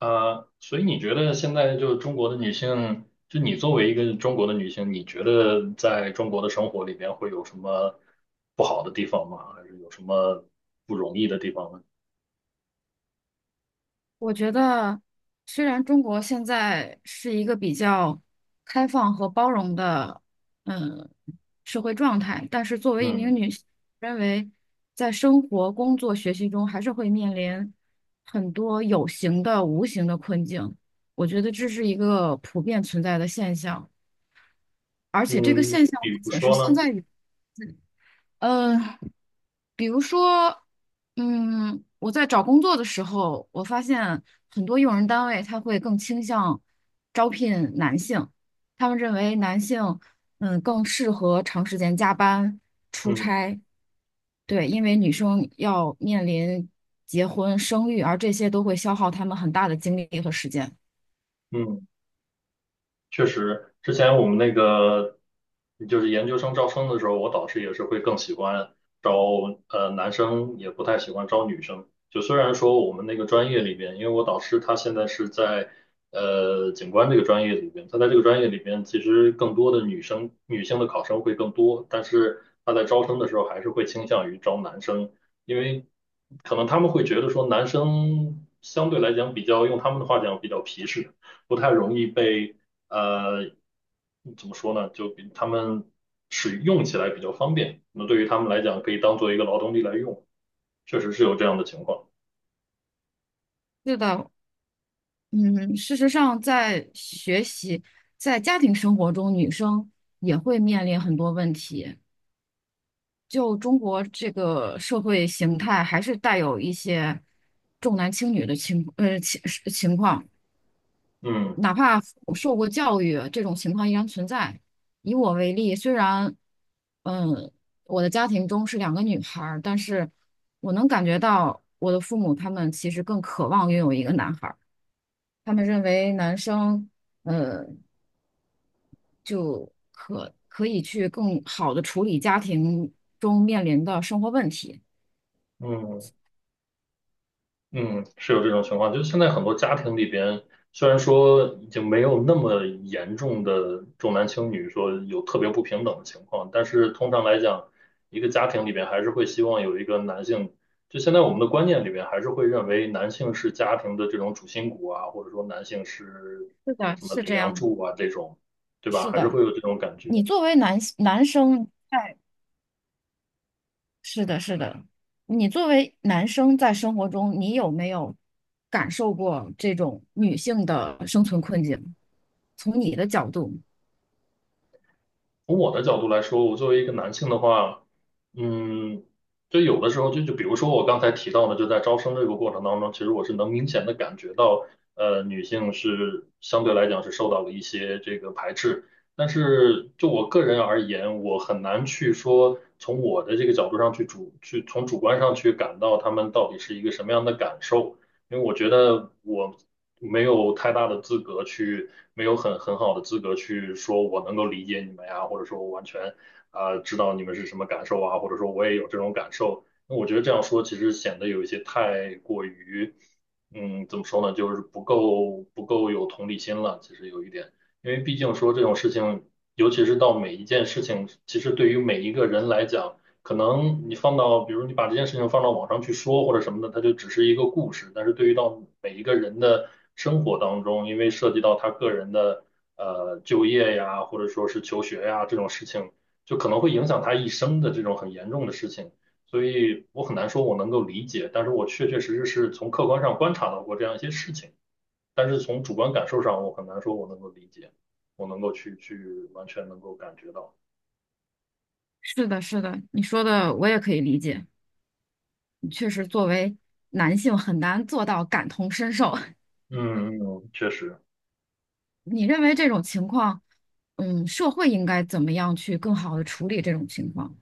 所以你觉得现在就中国的女性，就你作为一个中国的女性，你觉得在中国的生活里面会有什么不好的地方吗？还是有什么不容易的地方呢？我觉得，虽然中国现在是一个比较开放和包容的，嗯，社会状态，但是作为一名嗯女性，认为在生活、工作、学习中还是会面临很多有形的、无形的困境。我觉得这是一个普遍存在的现象，而且这个嗯，现象比不如仅是说现呢？在。嗯，比如说，我在找工作的时候，我发现很多用人单位他会更倾向招聘男性，他们认为男性，更适合长时间加班、出嗯差，对，因为女生要面临结婚、生育，而这些都会消耗他们很大的精力和时间。嗯。确实，之前我们那个就是研究生招生的时候，我导师也是会更喜欢招男生，也不太喜欢招女生。就虽然说我们那个专业里边，因为我导师他现在是在景观这个专业里边，他在这个专业里边其实更多的女生女性的考生会更多，但是他在招生的时候还是会倾向于招男生，因为可能他们会觉得说男生相对来讲比较用他们的话讲比较皮实。不太容易被呃，怎么说呢？就比他们使用起来比较方便，那对于他们来讲，可以当做一个劳动力来用，确实是有这样的情况。是的，嗯，事实上，在学习、在家庭生活中，女生也会面临很多问题。就中国这个社会形态，还是带有一些重男轻女的情况，嗯哪怕受过教育，这种情况依然存在。以我为例，虽然嗯我的家庭中是两个女孩儿，但是我能感觉到我的父母他们其实更渴望拥有一个男孩儿，他们认为男生就可以去更好的处理家庭中面临的生活问题。嗯。嗯，是有这种情况，就是现在很多家庭里边，虽然说已经没有那么严重的重男轻女，说有特别不平等的情况，但是通常来讲，一个家庭里边还是会希望有一个男性，就现在我们的观念里边还是会认为男性是家庭的这种主心骨啊，或者说男性是是的，什么是顶这梁样的，柱啊这种，对吧？是还是的。会有这种感你觉。作为男生在，是的，是的，你作为男生在生活中，你有没有感受过这种女性的生存困境？从你的角度，从我的角度来说，我作为一个男性的话，嗯，就有的时候就比如说我刚才提到的，就在招生这个过程当中，其实我是能明显的感觉到，女性是相对来讲是受到了一些这个排斥。但是就我个人而言，我很难去说从我的这个角度上去从主观上去感到她们到底是一个什么样的感受。因为我觉得我没有太大的资格去，没有很很好的资格去说我能够理解你们呀，或者说我完全啊、知道你们是什么感受啊，或者说我也有这种感受。那我觉得这样说其实显得有一些太过于，嗯，怎么说呢，就是不够有同理心了，其实有一点。因为毕竟说这种事情，尤其是到每一件事情，其实对于每一个人来讲，可能你放到，比如你把这件事情放到网上去说或者什么的，它就只是一个故事。但是对于到每一个人的生活当中，因为涉及到他个人的就业呀，或者说是求学呀这种事情，就可能会影响他一生的这种很严重的事情。所以我很难说我能够理解，但是我确确实实是从客观上观察到过这样一些事情，但是从主观感受上，我很难说我能够理解，我能够去完全能够感觉到。是的，是的，你说的我也可以理解。确实，作为男性很难做到感同身受。嗯嗯，嗯确实。你认为这种情况，嗯，社会应该怎么样去更好的处理这种情况？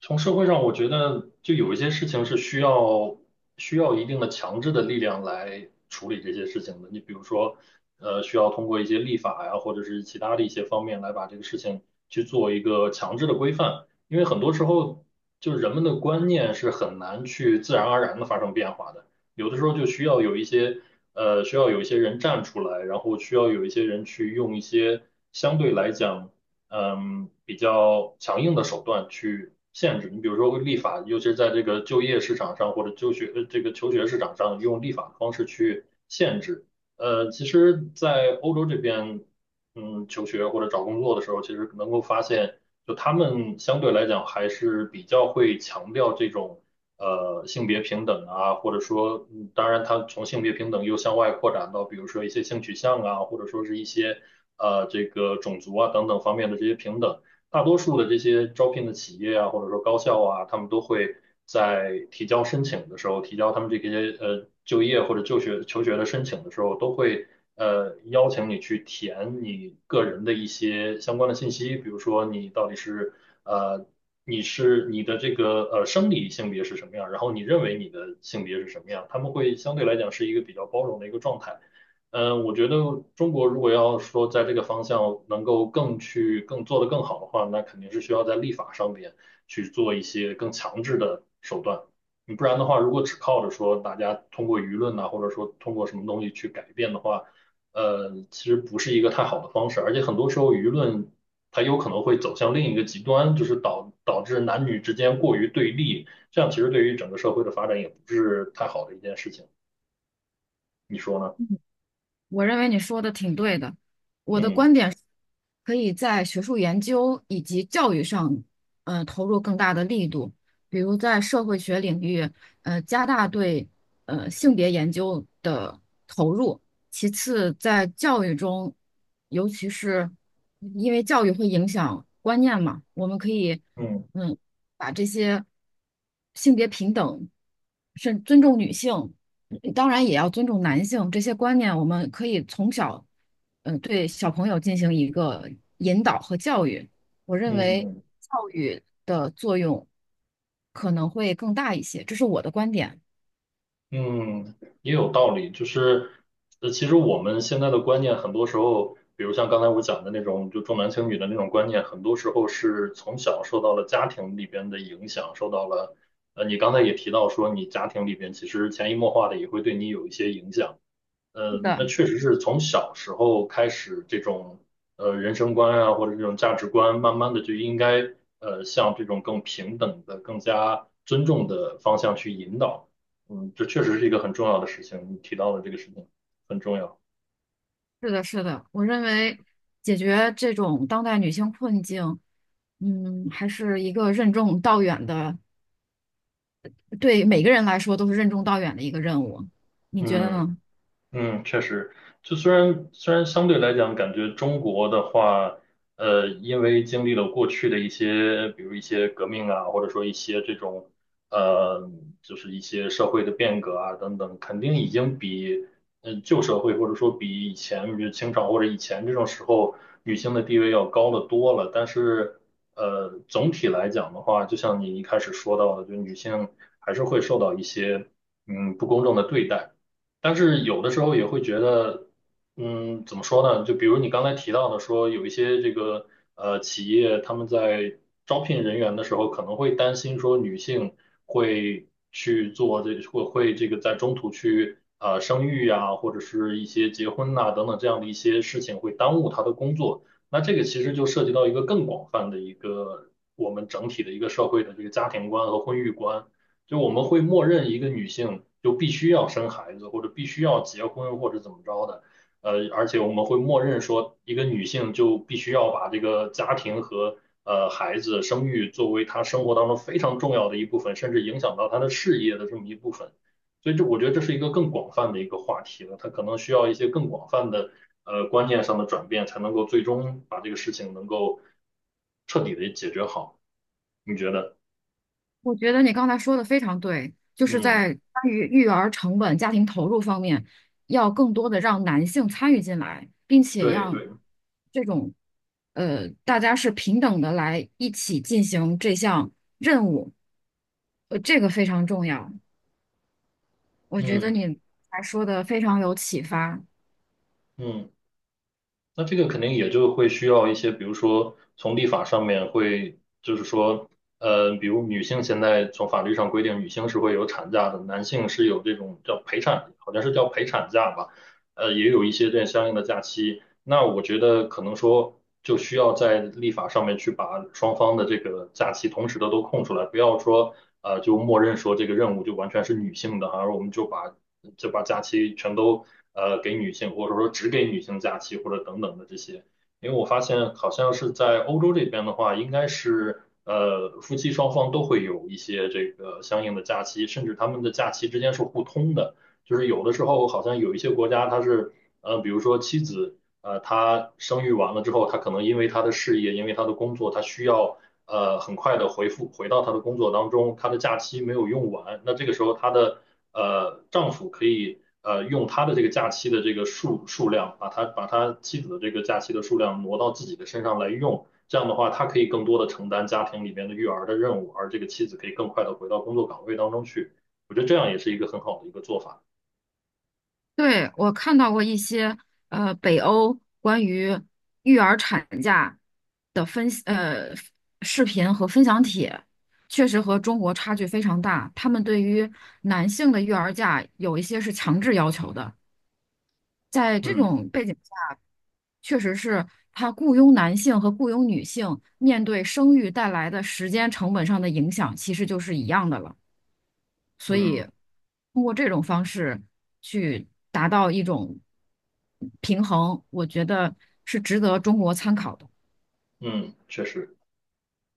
从社会上，我觉得就有一些事情是需要一定的强制的力量来处理这些事情的。你比如说，需要通过一些立法呀，或者是其他的一些方面来把这个事情去做一个强制的规范。因为很多时候，就是人们的观念是很难去自然而然的发生变化的。有的时候就需要有一些需要有一些人站出来，然后需要有一些人去用一些相对来讲。嗯比较强硬的手段去限制。你比如说立法，尤其是在这个就业市场上或者就学这个求学市场上，用立法的方式去限制。其实，在欧洲这边，嗯，求学或者找工作的时候，其实能够发现，就他们相对来讲还是比较会强调这种性别平等啊，或者说，嗯当然，他从性别平等又向外扩展到，比如说一些性取向啊，或者说是一些这个种族啊等等方面的这些平等。大多数的这些招聘的企业啊，或者说高校啊，他们都会在提交申请的时候，提交他们这些就业或者就学求学的申请的时候，都会邀请你去填你个人的一些相关的信息，比如说你到底是呃你是你的这个生理性别是什么样，然后你认为你的性别是什么样，他们会相对来讲是一个比较包容的一个状态。嗯，我觉得中国如果要说在这个方向能够更去更做得更好的话，那肯定是需要在立法上面去做一些更强制的手段。你不然的话，如果只靠着说大家通过舆论呐、或者说通过什么东西去改变的话，其实不是一个太好的方式。而且很多时候舆论它有可能会走向另一个极端，就是导致男女之间过于对立，这样其实对于整个社会的发展也不是太好的一件事情。你说呢？我认为你说的挺对的。我的嗯观点是可以在学术研究以及教育上，投入更大的力度，比如在社会学领域，加大对性别研究的投入。其次，在教育中，尤其是因为教育会影响观念嘛，我们可以，嗯。嗯，把这些性别平等，甚尊重女性。当然也要尊重男性这些观念，我们可以从小，对小朋友进行一个引导和教育。我认为嗯教育的作用可能会更大一些，这是我的观点。嗯，也有道理。就是，其实我们现在的观念，很多时候，比如像刚才我讲的那种，就重男轻女的那种观念，很多时候是从小受到了家庭里边的影响，受到了，你刚才也提到说，你家庭里边其实潜移默化的也会对你有一些影响。是嗯，那的，确实是从小时候开始，这种人生观啊，或者这种价值观，慢慢的就应该向这种更平等的、更加尊重的方向去引导。嗯，这确实是一个很重要的事情，你提到的这个事情很重要。是的，是的，我认为解决这种当代女性困境，嗯，还是一个任重道远的，对每个人来说都是任重道远的一个任务。你觉得嗯。呢？嗯，确实，就虽然相对来讲，感觉中国的话，因为经历了过去的一些，比如一些革命啊，或者说一些这种，呃，就是一些社会的变革啊等等，肯定已经比旧社会或者说比以前，比如清朝或者以前这种时候，女性的地位要高得多了。但是，总体来讲的话，就像你一开始说到的，就女性还是会受到一些嗯不公正的对待。但是有的时候也会觉得，嗯，怎么说呢？就比如你刚才提到的说，有一些这个企业他们在招聘人员的时候，可能会担心说女性会去做这会会这个在中途去生育啊，或者是一些结婚呐、等等这样的一些事情会耽误她的工作。那这个其实就涉及到一个更广泛的一个我们整体的一个社会的这个家庭观和婚育观。就我们会默认一个女性就必须要生孩子，或者必须要结婚，或者怎么着的。而且我们会默认说，一个女性就必须要把这个家庭和孩子生育作为她生活当中非常重要的一部分，甚至影响到她的事业的这么一部分。所以我觉得这是一个更广泛的一个话题了，它可能需要一些更广泛的观念上的转变，才能够最终把这个事情能够彻底的解决好。你觉得？我觉得你刚才说的非常对，就是嗯，在关于育儿成本、家庭投入方面，要更多的让男性参与进来，并且对让对，这种大家是平等的来一起进行这项任务，这个非常重要。我觉得嗯。你还说的非常有启发。嗯，那这个肯定也就会需要一些，比如说从立法上面会，就是说，比如女性现在从法律上规定，女性是会有产假的，男性是有这种叫陪产，好像是叫陪产假吧，也有一些这样相应的假期。那我觉得可能说就需要在立法上面去把双方的这个假期同时的都空出来，不要说就默认说这个任务就完全是女性的哈，而我们就把假期全都给女性，或者说只给女性假期，或者等等的这些。因为我发现好像是在欧洲这边的话，应该是夫妻双方都会有一些这个相应的假期，甚至他们的假期之间是互通的，就是有的时候好像有一些国家它是比如说妻子他生育完了之后，他可能因为他的事业，因为他的工作，他需要很快的回到他的工作当中，他的假期没有用完，那这个时候他的丈夫可以用他的这个假期的这个数量，把他妻子的这个假期的数量挪到自己的身上来用，这样的话，他可以更多的承担家庭里面的育儿的任务，而这个妻子可以更快的回到工作岗位当中去，我觉得这样也是一个很好的一个做法。对，我看到过一些北欧关于育儿产假的分析视频和分享帖，确实和中国差距非常大。他们对于男性的育儿假有一些是强制要求的，在这嗯种背景下，确实是他雇佣男性和雇佣女性面对生育带来的时间成本上的影响，其实就是一样的了。所以嗯通过这种方式去达到一种平衡，我觉得是值得中国参考的。嗯，确实。